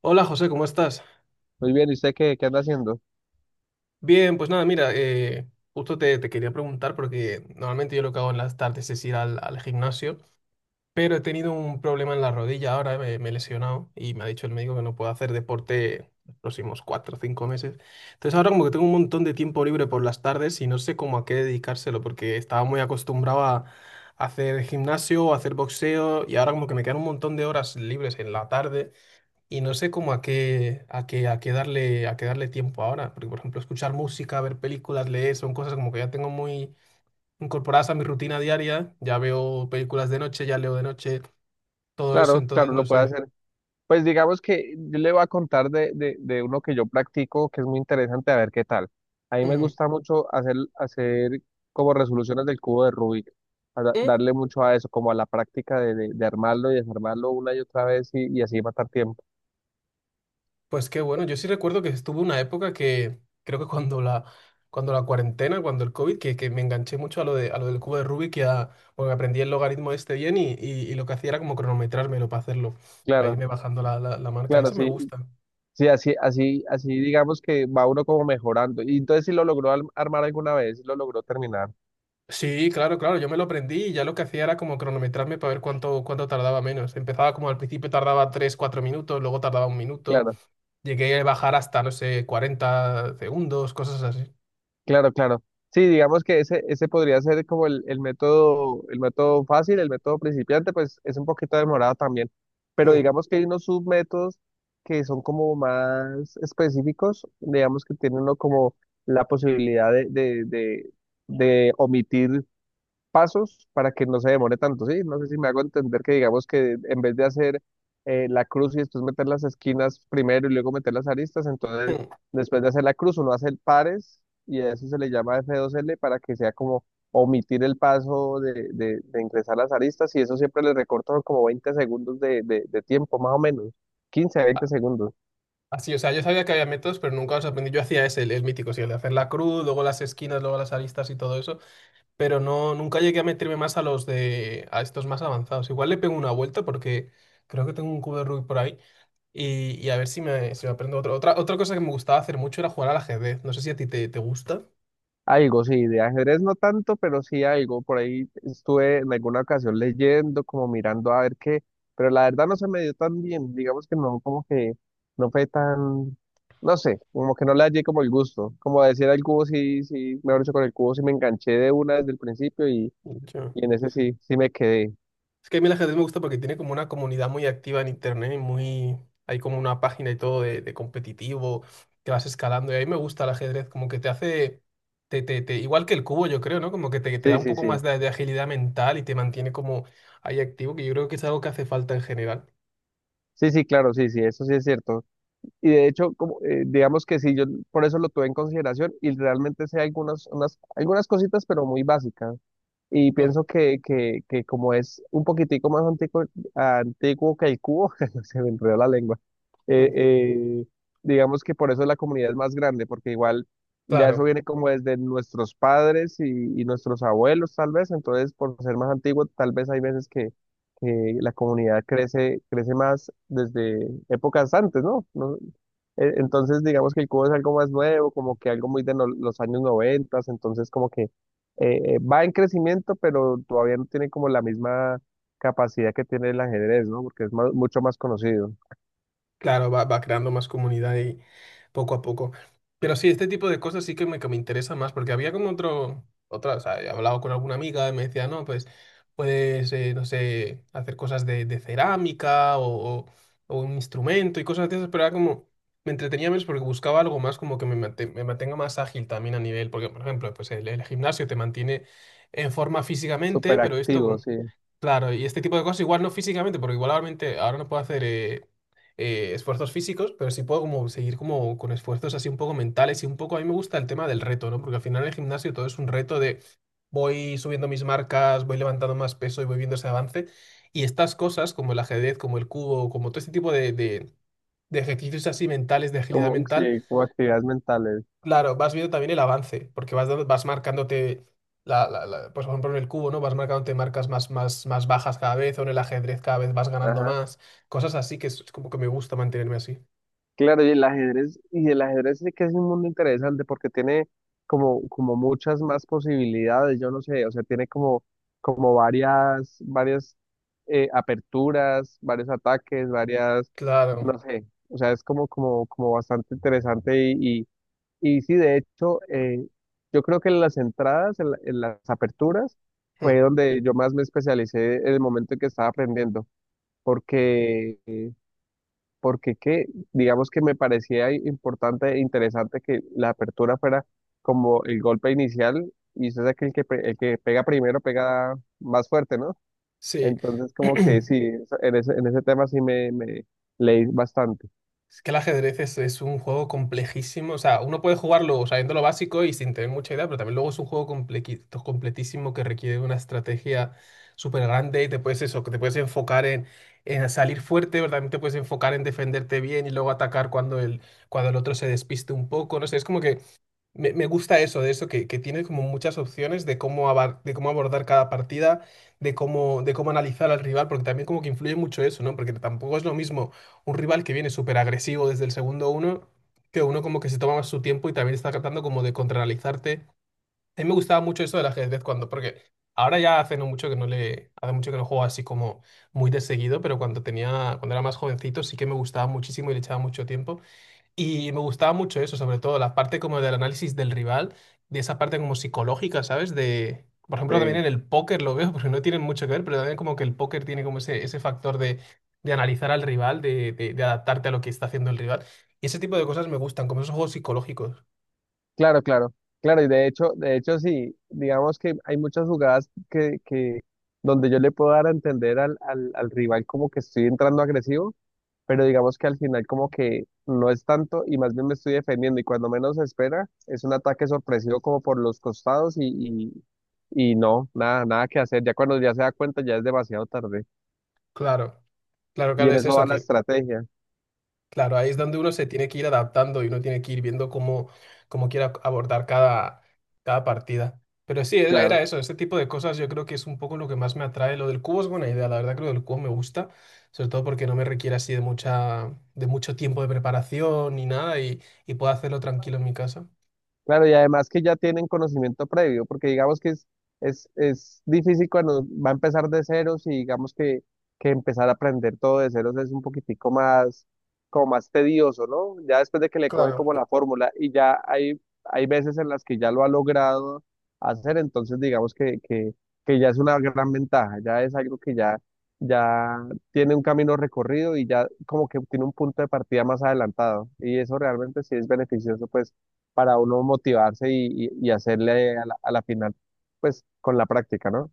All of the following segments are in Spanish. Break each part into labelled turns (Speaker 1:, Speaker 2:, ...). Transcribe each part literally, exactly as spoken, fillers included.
Speaker 1: Hola José, ¿cómo estás?
Speaker 2: Muy bien, ¿y usted qué, qué anda haciendo?
Speaker 1: Bien, pues nada, mira, eh, justo te, te quería preguntar porque normalmente yo lo que hago en las tardes es ir al, al gimnasio, pero he tenido un problema en la rodilla ahora, me, me he lesionado y me ha dicho el médico que no puedo hacer deporte los próximos cuatro o cinco meses. Entonces ahora como que tengo un montón de tiempo libre por las tardes y no sé cómo a qué dedicárselo porque estaba muy acostumbrado a hacer gimnasio o hacer boxeo y ahora como que me quedan un montón de horas libres en la tarde. Y no sé cómo a qué, a qué, a qué darle, a qué darle tiempo ahora, porque por ejemplo escuchar música, ver películas, leer, son cosas como que ya tengo muy incorporadas a mi rutina diaria, ya veo películas de noche, ya leo de noche, todo eso,
Speaker 2: Claro,
Speaker 1: entonces
Speaker 2: claro,
Speaker 1: no
Speaker 2: lo puede
Speaker 1: sé.
Speaker 2: hacer. Pues digamos que yo le voy a contar de, de, de uno que yo practico que es muy interesante, a ver qué tal. A mí me
Speaker 1: Ujú.
Speaker 2: gusta mucho hacer, hacer como resoluciones del cubo de Rubik, a da-
Speaker 1: Mm.
Speaker 2: darle mucho a eso, como a la práctica de, de, de armarlo y desarmarlo una y otra vez y, y así matar tiempo.
Speaker 1: Pues qué bueno, yo sí recuerdo que estuve una época que creo que cuando la, cuando la cuarentena, cuando el COVID, que, que me enganché mucho a lo de, a lo del cubo de Rubik y a, porque aprendí el logaritmo este bien y, y, y lo que hacía era como cronometrármelo para hacerlo, para
Speaker 2: Claro,
Speaker 1: irme bajando la, la, la marca,
Speaker 2: claro,
Speaker 1: eso me
Speaker 2: sí,
Speaker 1: gusta.
Speaker 2: sí, así, así, así digamos que va uno como mejorando. Y entonces si lo logró al- armar alguna vez, sí lo logró terminar.
Speaker 1: Sí, claro, claro, yo me lo aprendí y ya lo que hacía era como cronometrarme para ver cuánto, cuánto tardaba menos. Empezaba como al principio tardaba tres, cuatro minutos, luego tardaba un minuto,
Speaker 2: Claro.
Speaker 1: llegué a bajar hasta, no sé, cuarenta segundos, cosas así.
Speaker 2: Claro, claro. Sí, digamos que ese, ese podría ser como el, el método, el método fácil, el método principiante, pues es un poquito demorado también. Pero
Speaker 1: Mm,
Speaker 2: digamos que hay unos submétodos que son como más específicos, digamos que tiene uno como la posibilidad de, de, de, de omitir pasos para que no se demore tanto, ¿sí? No sé si me hago entender que digamos que en vez de hacer eh, la cruz y después meter las esquinas primero y luego meter las aristas, entonces
Speaker 1: mm.
Speaker 2: después de hacer la cruz uno hace pares y a eso se le llama F dos L para que sea como omitir el paso de, de- de ingresar las aristas y eso siempre le recorta como veinte segundos de, de de tiempo, más o menos, quince a veinte segundos.
Speaker 1: Así, o sea, yo sabía que había métodos, pero nunca los aprendí. Yo hacía ese, el, el mítico, sí, el de hacer la cruz, luego las esquinas, luego las aristas y todo eso. Pero no, nunca llegué a meterme más a los de, a estos más avanzados. Igual le pego una vuelta porque creo que tengo un cubo de Rubik por ahí y, y a ver si me, si me, aprendo otro. Otra, otra cosa que me gustaba hacer mucho era jugar al ajedrez. No sé si a ti te, te gusta.
Speaker 2: Algo, sí, de ajedrez no tanto, pero sí algo. Por ahí estuve en alguna ocasión leyendo, como mirando a ver qué, pero la verdad no se me dio tan bien. Digamos que no, como que no fue tan, no sé, como que no le hallé como el gusto. Como decir al cubo, sí, sí, mejor dicho, con el cubo sí me enganché de una desde el principio y,
Speaker 1: Mucho.
Speaker 2: y en ese sí, sí me quedé.
Speaker 1: Es que a mí el ajedrez me gusta porque tiene como una comunidad muy activa en internet y muy. Hay como una página y todo de, de competitivo que vas escalando y a mí me gusta el ajedrez, como que te hace. Te, te, te- igual que el cubo, yo creo, ¿no? Como que te, te da
Speaker 2: Sí,
Speaker 1: un
Speaker 2: sí,
Speaker 1: poco
Speaker 2: sí.
Speaker 1: más de, de agilidad mental y te mantiene como ahí activo, que yo creo que es algo que hace falta en general.
Speaker 2: Sí, sí, claro, sí, sí, eso sí es cierto. Y de hecho, como, eh, digamos que sí, yo por eso lo tuve en consideración y realmente sé algunas, unas, algunas cositas, pero muy básicas. Y
Speaker 1: Ah,
Speaker 2: pienso que, que, que como es un poquitico más antiguo, antiguo que el cubo, se me enredó la lengua, eh,
Speaker 1: mm,
Speaker 2: eh, digamos que por eso la comunidad es más grande, porque igual ya eso
Speaker 1: claro,
Speaker 2: viene como desde nuestros padres y, y nuestros abuelos tal vez, entonces por ser más antiguo tal vez hay veces que, que la comunidad crece, crece más desde épocas antes, ¿no? No- eh, Entonces digamos que el cubo es algo más nuevo, como que algo muy de no- los años noventas, entonces como que eh, va en crecimiento, pero todavía no tiene como la misma capacidad que tiene el ajedrez, ¿no? Porque es más- mucho más conocido,
Speaker 1: claro, va, va creando más comunidad y poco a poco. Pero sí, este tipo de cosas sí que me, que me, interesa más, porque había como otro, otra, o sea, he hablado con alguna amiga y me decía, no, pues puedes, eh, no sé, hacer cosas de, de cerámica o, o- o un instrumento y cosas de esas, pero era como, me entretenía menos porque buscaba algo más como que me, mate- me mantenga más ágil también a nivel, porque por ejemplo, pues el, el gimnasio te mantiene en forma físicamente,
Speaker 2: súper
Speaker 1: pero esto
Speaker 2: activo,
Speaker 1: como.
Speaker 2: sí,
Speaker 1: Claro, y este tipo de cosas igual no físicamente, porque igualmente ahora no puedo hacer eh, eh, esfuerzos físicos, pero sí puedo como seguir como con esfuerzos así un poco mentales y un poco a mí me gusta el tema del reto, ¿no? Porque al final en el gimnasio todo es un reto de voy subiendo mis marcas, voy levantando más peso y voy viendo ese avance. Y estas cosas como el ajedrez, como el cubo, como todo este tipo de, de- de ejercicios así mentales, de agilidad
Speaker 2: como, sí,
Speaker 1: mental,
Speaker 2: como actividades mentales.
Speaker 1: claro, vas viendo también el avance, porque vas, dando- vas marcándote. La, la- la- pues por ejemplo en el cubo, ¿no? Vas marcándote marcas más, más, más bajas cada vez, o en el ajedrez cada vez vas ganando
Speaker 2: Ajá.
Speaker 1: más, cosas así que es es como que me gusta mantenerme así.
Speaker 2: Claro, y el ajedrez, y el ajedrez sí que es un mundo interesante porque tiene como, como muchas más posibilidades, yo no sé, o sea, tiene como, como varias, varias eh, aperturas, varios ataques, varias,
Speaker 1: Claro,
Speaker 2: no sé, o sea, es como, como, como bastante interesante y. Y sí, de hecho, eh, yo creo que en las entradas, en, la- en las aperturas, fue donde yo más me especialicé en el momento en que estaba aprendiendo, porque, eh, porque qué digamos que me parecía importante e interesante que la apertura fuera como el golpe inicial, y usted sabe que el que, pe- el que pega primero pega más fuerte, ¿no?
Speaker 1: sí.
Speaker 2: Entonces, como que sí, eso- en ese, en ese tema sí me, me leí bastante.
Speaker 1: Es que el ajedrez es, es un juego complejísimo. O sea, uno puede jugarlo sabiendo lo básico y sin tener mucha idea, pero también luego es un juego complequi- completísimo que requiere una estrategia súper grande y te puedes eso, que te puedes enfocar en, en, salir fuerte, pero también te puedes enfocar en defenderte bien y luego atacar cuando el, cuando el otro se despiste un poco. No sé, es como que Me, me gusta eso, de eso, que, que tiene como muchas opciones de cómo, abar- de cómo abordar cada partida, de cómo, de cómo analizar al rival, porque también como que influye mucho eso, ¿no? Porque tampoco es lo mismo un rival que viene súper agresivo desde el segundo uno, que uno como que se toma más su tiempo y también está tratando como de contraanalizarte. A mí me gustaba mucho eso del ajedrez cuando, porque ahora ya hace no mucho que no le, hace mucho que no juego así como muy de seguido, pero cuando tenía, cuando era más jovencito sí que me gustaba muchísimo y le echaba mucho tiempo. Y me gustaba mucho eso, sobre todo la parte como del análisis del rival, de esa parte como psicológica, ¿sabes? De, por ejemplo, también en
Speaker 2: Sí.
Speaker 1: el póker lo veo, porque no tienen mucho que ver, pero también como que el póker tiene como ese, ese, factor de, de analizar al rival, de, de, de adaptarte a lo que está haciendo el rival. Y ese tipo de cosas me gustan, como esos juegos psicológicos.
Speaker 2: Claro, claro, claro, y de hecho, de hecho sí, digamos que hay muchas jugadas que, que donde yo le puedo dar a entender al, al, al rival como que estoy entrando agresivo, pero digamos que al final como que no es tanto y más bien me estoy defendiendo y cuando menos se espera es un ataque sorpresivo como por los costados y, y, y no, nada, nada que hacer, ya cuando ya se da cuenta ya es demasiado tarde
Speaker 1: Claro, claro,
Speaker 2: y
Speaker 1: claro,
Speaker 2: en
Speaker 1: es
Speaker 2: eso
Speaker 1: eso,
Speaker 2: va la
Speaker 1: que
Speaker 2: estrategia,
Speaker 1: claro, ahí es donde uno se tiene que ir adaptando y uno tiene que ir viendo cómo, cómo, quiere ac- abordar cada, cada partida. Pero sí, era,
Speaker 2: claro.
Speaker 1: era eso, ese tipo de cosas yo creo que es un poco lo que más me atrae. Lo del cubo es buena idea, la verdad creo que el cubo me gusta, sobre todo porque no me requiere así de mucha, de mucho tiempo de preparación ni nada y, y puedo hacerlo tranquilo en mi casa.
Speaker 2: Claro, y además que ya tienen conocimiento previo, porque digamos que es, es, es difícil cuando va a empezar de ceros y digamos que, que empezar a aprender todo de ceros es un poquitico más, como más tedioso, ¿no? Ya después de que le coge como la fórmula y ya hay, hay veces en las que ya lo ha logrado hacer, entonces digamos que, que, que ya es una gran ventaja, ya es algo que ya, ya tiene un camino recorrido y ya como que tiene un punto de partida más adelantado y eso realmente sí es beneficioso, pues para uno motivarse y, y- y hacerle a la, a la final, pues con la práctica, ¿no?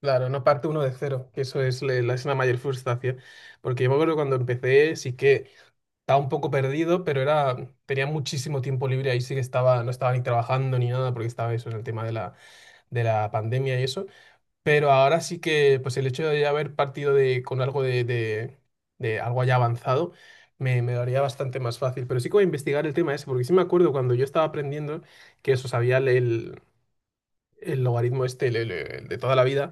Speaker 1: Claro, no parte uno de cero, que eso es, le- la, es la mayor frustración. Porque yo me acuerdo cuando empecé, sí que estaba un poco perdido, pero era, tenía muchísimo tiempo libre, ahí sí que estaba, no estaba ni trabajando ni nada, porque estaba eso en el tema de la, de la, pandemia y eso. Pero ahora sí que, pues el hecho de haber partido de, con algo de, de, de algo ya avanzado, me, me lo haría bastante más fácil. Pero sí que voy a investigar el tema ese, porque sí me acuerdo cuando yo estaba aprendiendo que eso sabía el, el logaritmo este el- el- el de toda la vida,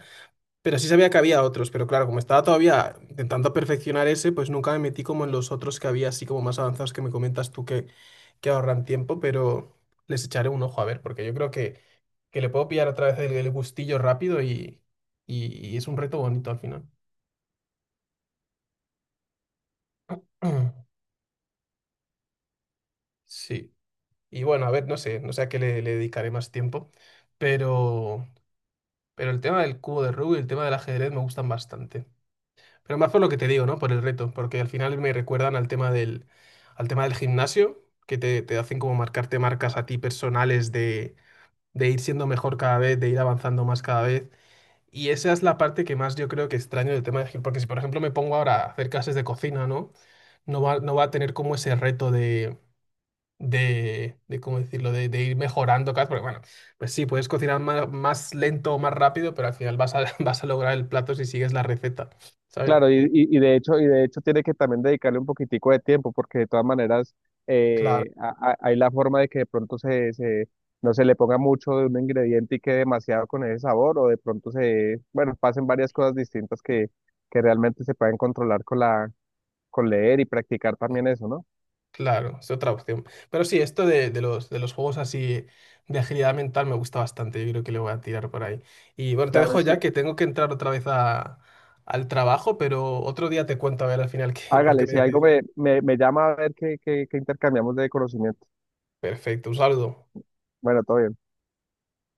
Speaker 1: pero sí sabía que había otros, pero claro, como estaba todavía intentando perfeccionar ese, pues nunca me metí como en los otros que había, así como más avanzados que me comentas tú que, que ahorran tiempo, pero les echaré un ojo a ver, porque yo creo que, que le puedo pillar otra vez el, el gustillo rápido y, y, y es un reto bonito al final. Sí. Y bueno, a ver, no sé, no sé a qué le, le, dedicaré más. Pero más por lo que te digo, ¿no? Por el reto, porque al final me recuerdan al tema del, al tema del, gimnasio, que te, te hacen como marcarte marcas a ti personales de, de ir siendo mejor cada vez, de ir avanzando más cada vez. Y esa es la parte que más yo creo que extraño del tema de gimnasio, porque si por ejemplo me pongo ahora a hacer clases de cocina, ¿no? No va, no va a tener como ese reto de, de, de, ¿cómo decirlo?, de, de ir mejorando cada vez, porque bueno, pues sí, puedes cocinar más, más lento o más rápido, pero al final vas a, vas a lograr el plato si sigues la receta, ¿sabes?
Speaker 2: Claro, y, y- y de hecho, y de hecho tiene que también dedicarle un poquitico de tiempo, porque de todas maneras eh, a- a- hay la forma de que de pronto se, se- no se le ponga mucho de un ingrediente y quede demasiado con ese sabor, o de pronto se, bueno, pasen varias cosas distintas que, que realmente se pueden controlar con la, con leer y practicar también eso, ¿no?
Speaker 1: Claro, es otra opción. Pero sí, esto de, de los, de los juegos así de agilidad mental me gusta bastante. Yo creo que le voy a tirar por ahí. Y bueno, te
Speaker 2: Claro,
Speaker 1: dejo
Speaker 2: sí.
Speaker 1: ya que tengo que entrar otra vez a- al trabajo, pero otro día te cuento a ver al final qué, por qué
Speaker 2: Hágale,
Speaker 1: me
Speaker 2: si algo
Speaker 1: decido.
Speaker 2: me, me, me llama a ver qué, qué, qué intercambiamos de conocimiento.
Speaker 1: Perfecto, un saludo.
Speaker 2: Bueno, todo bien.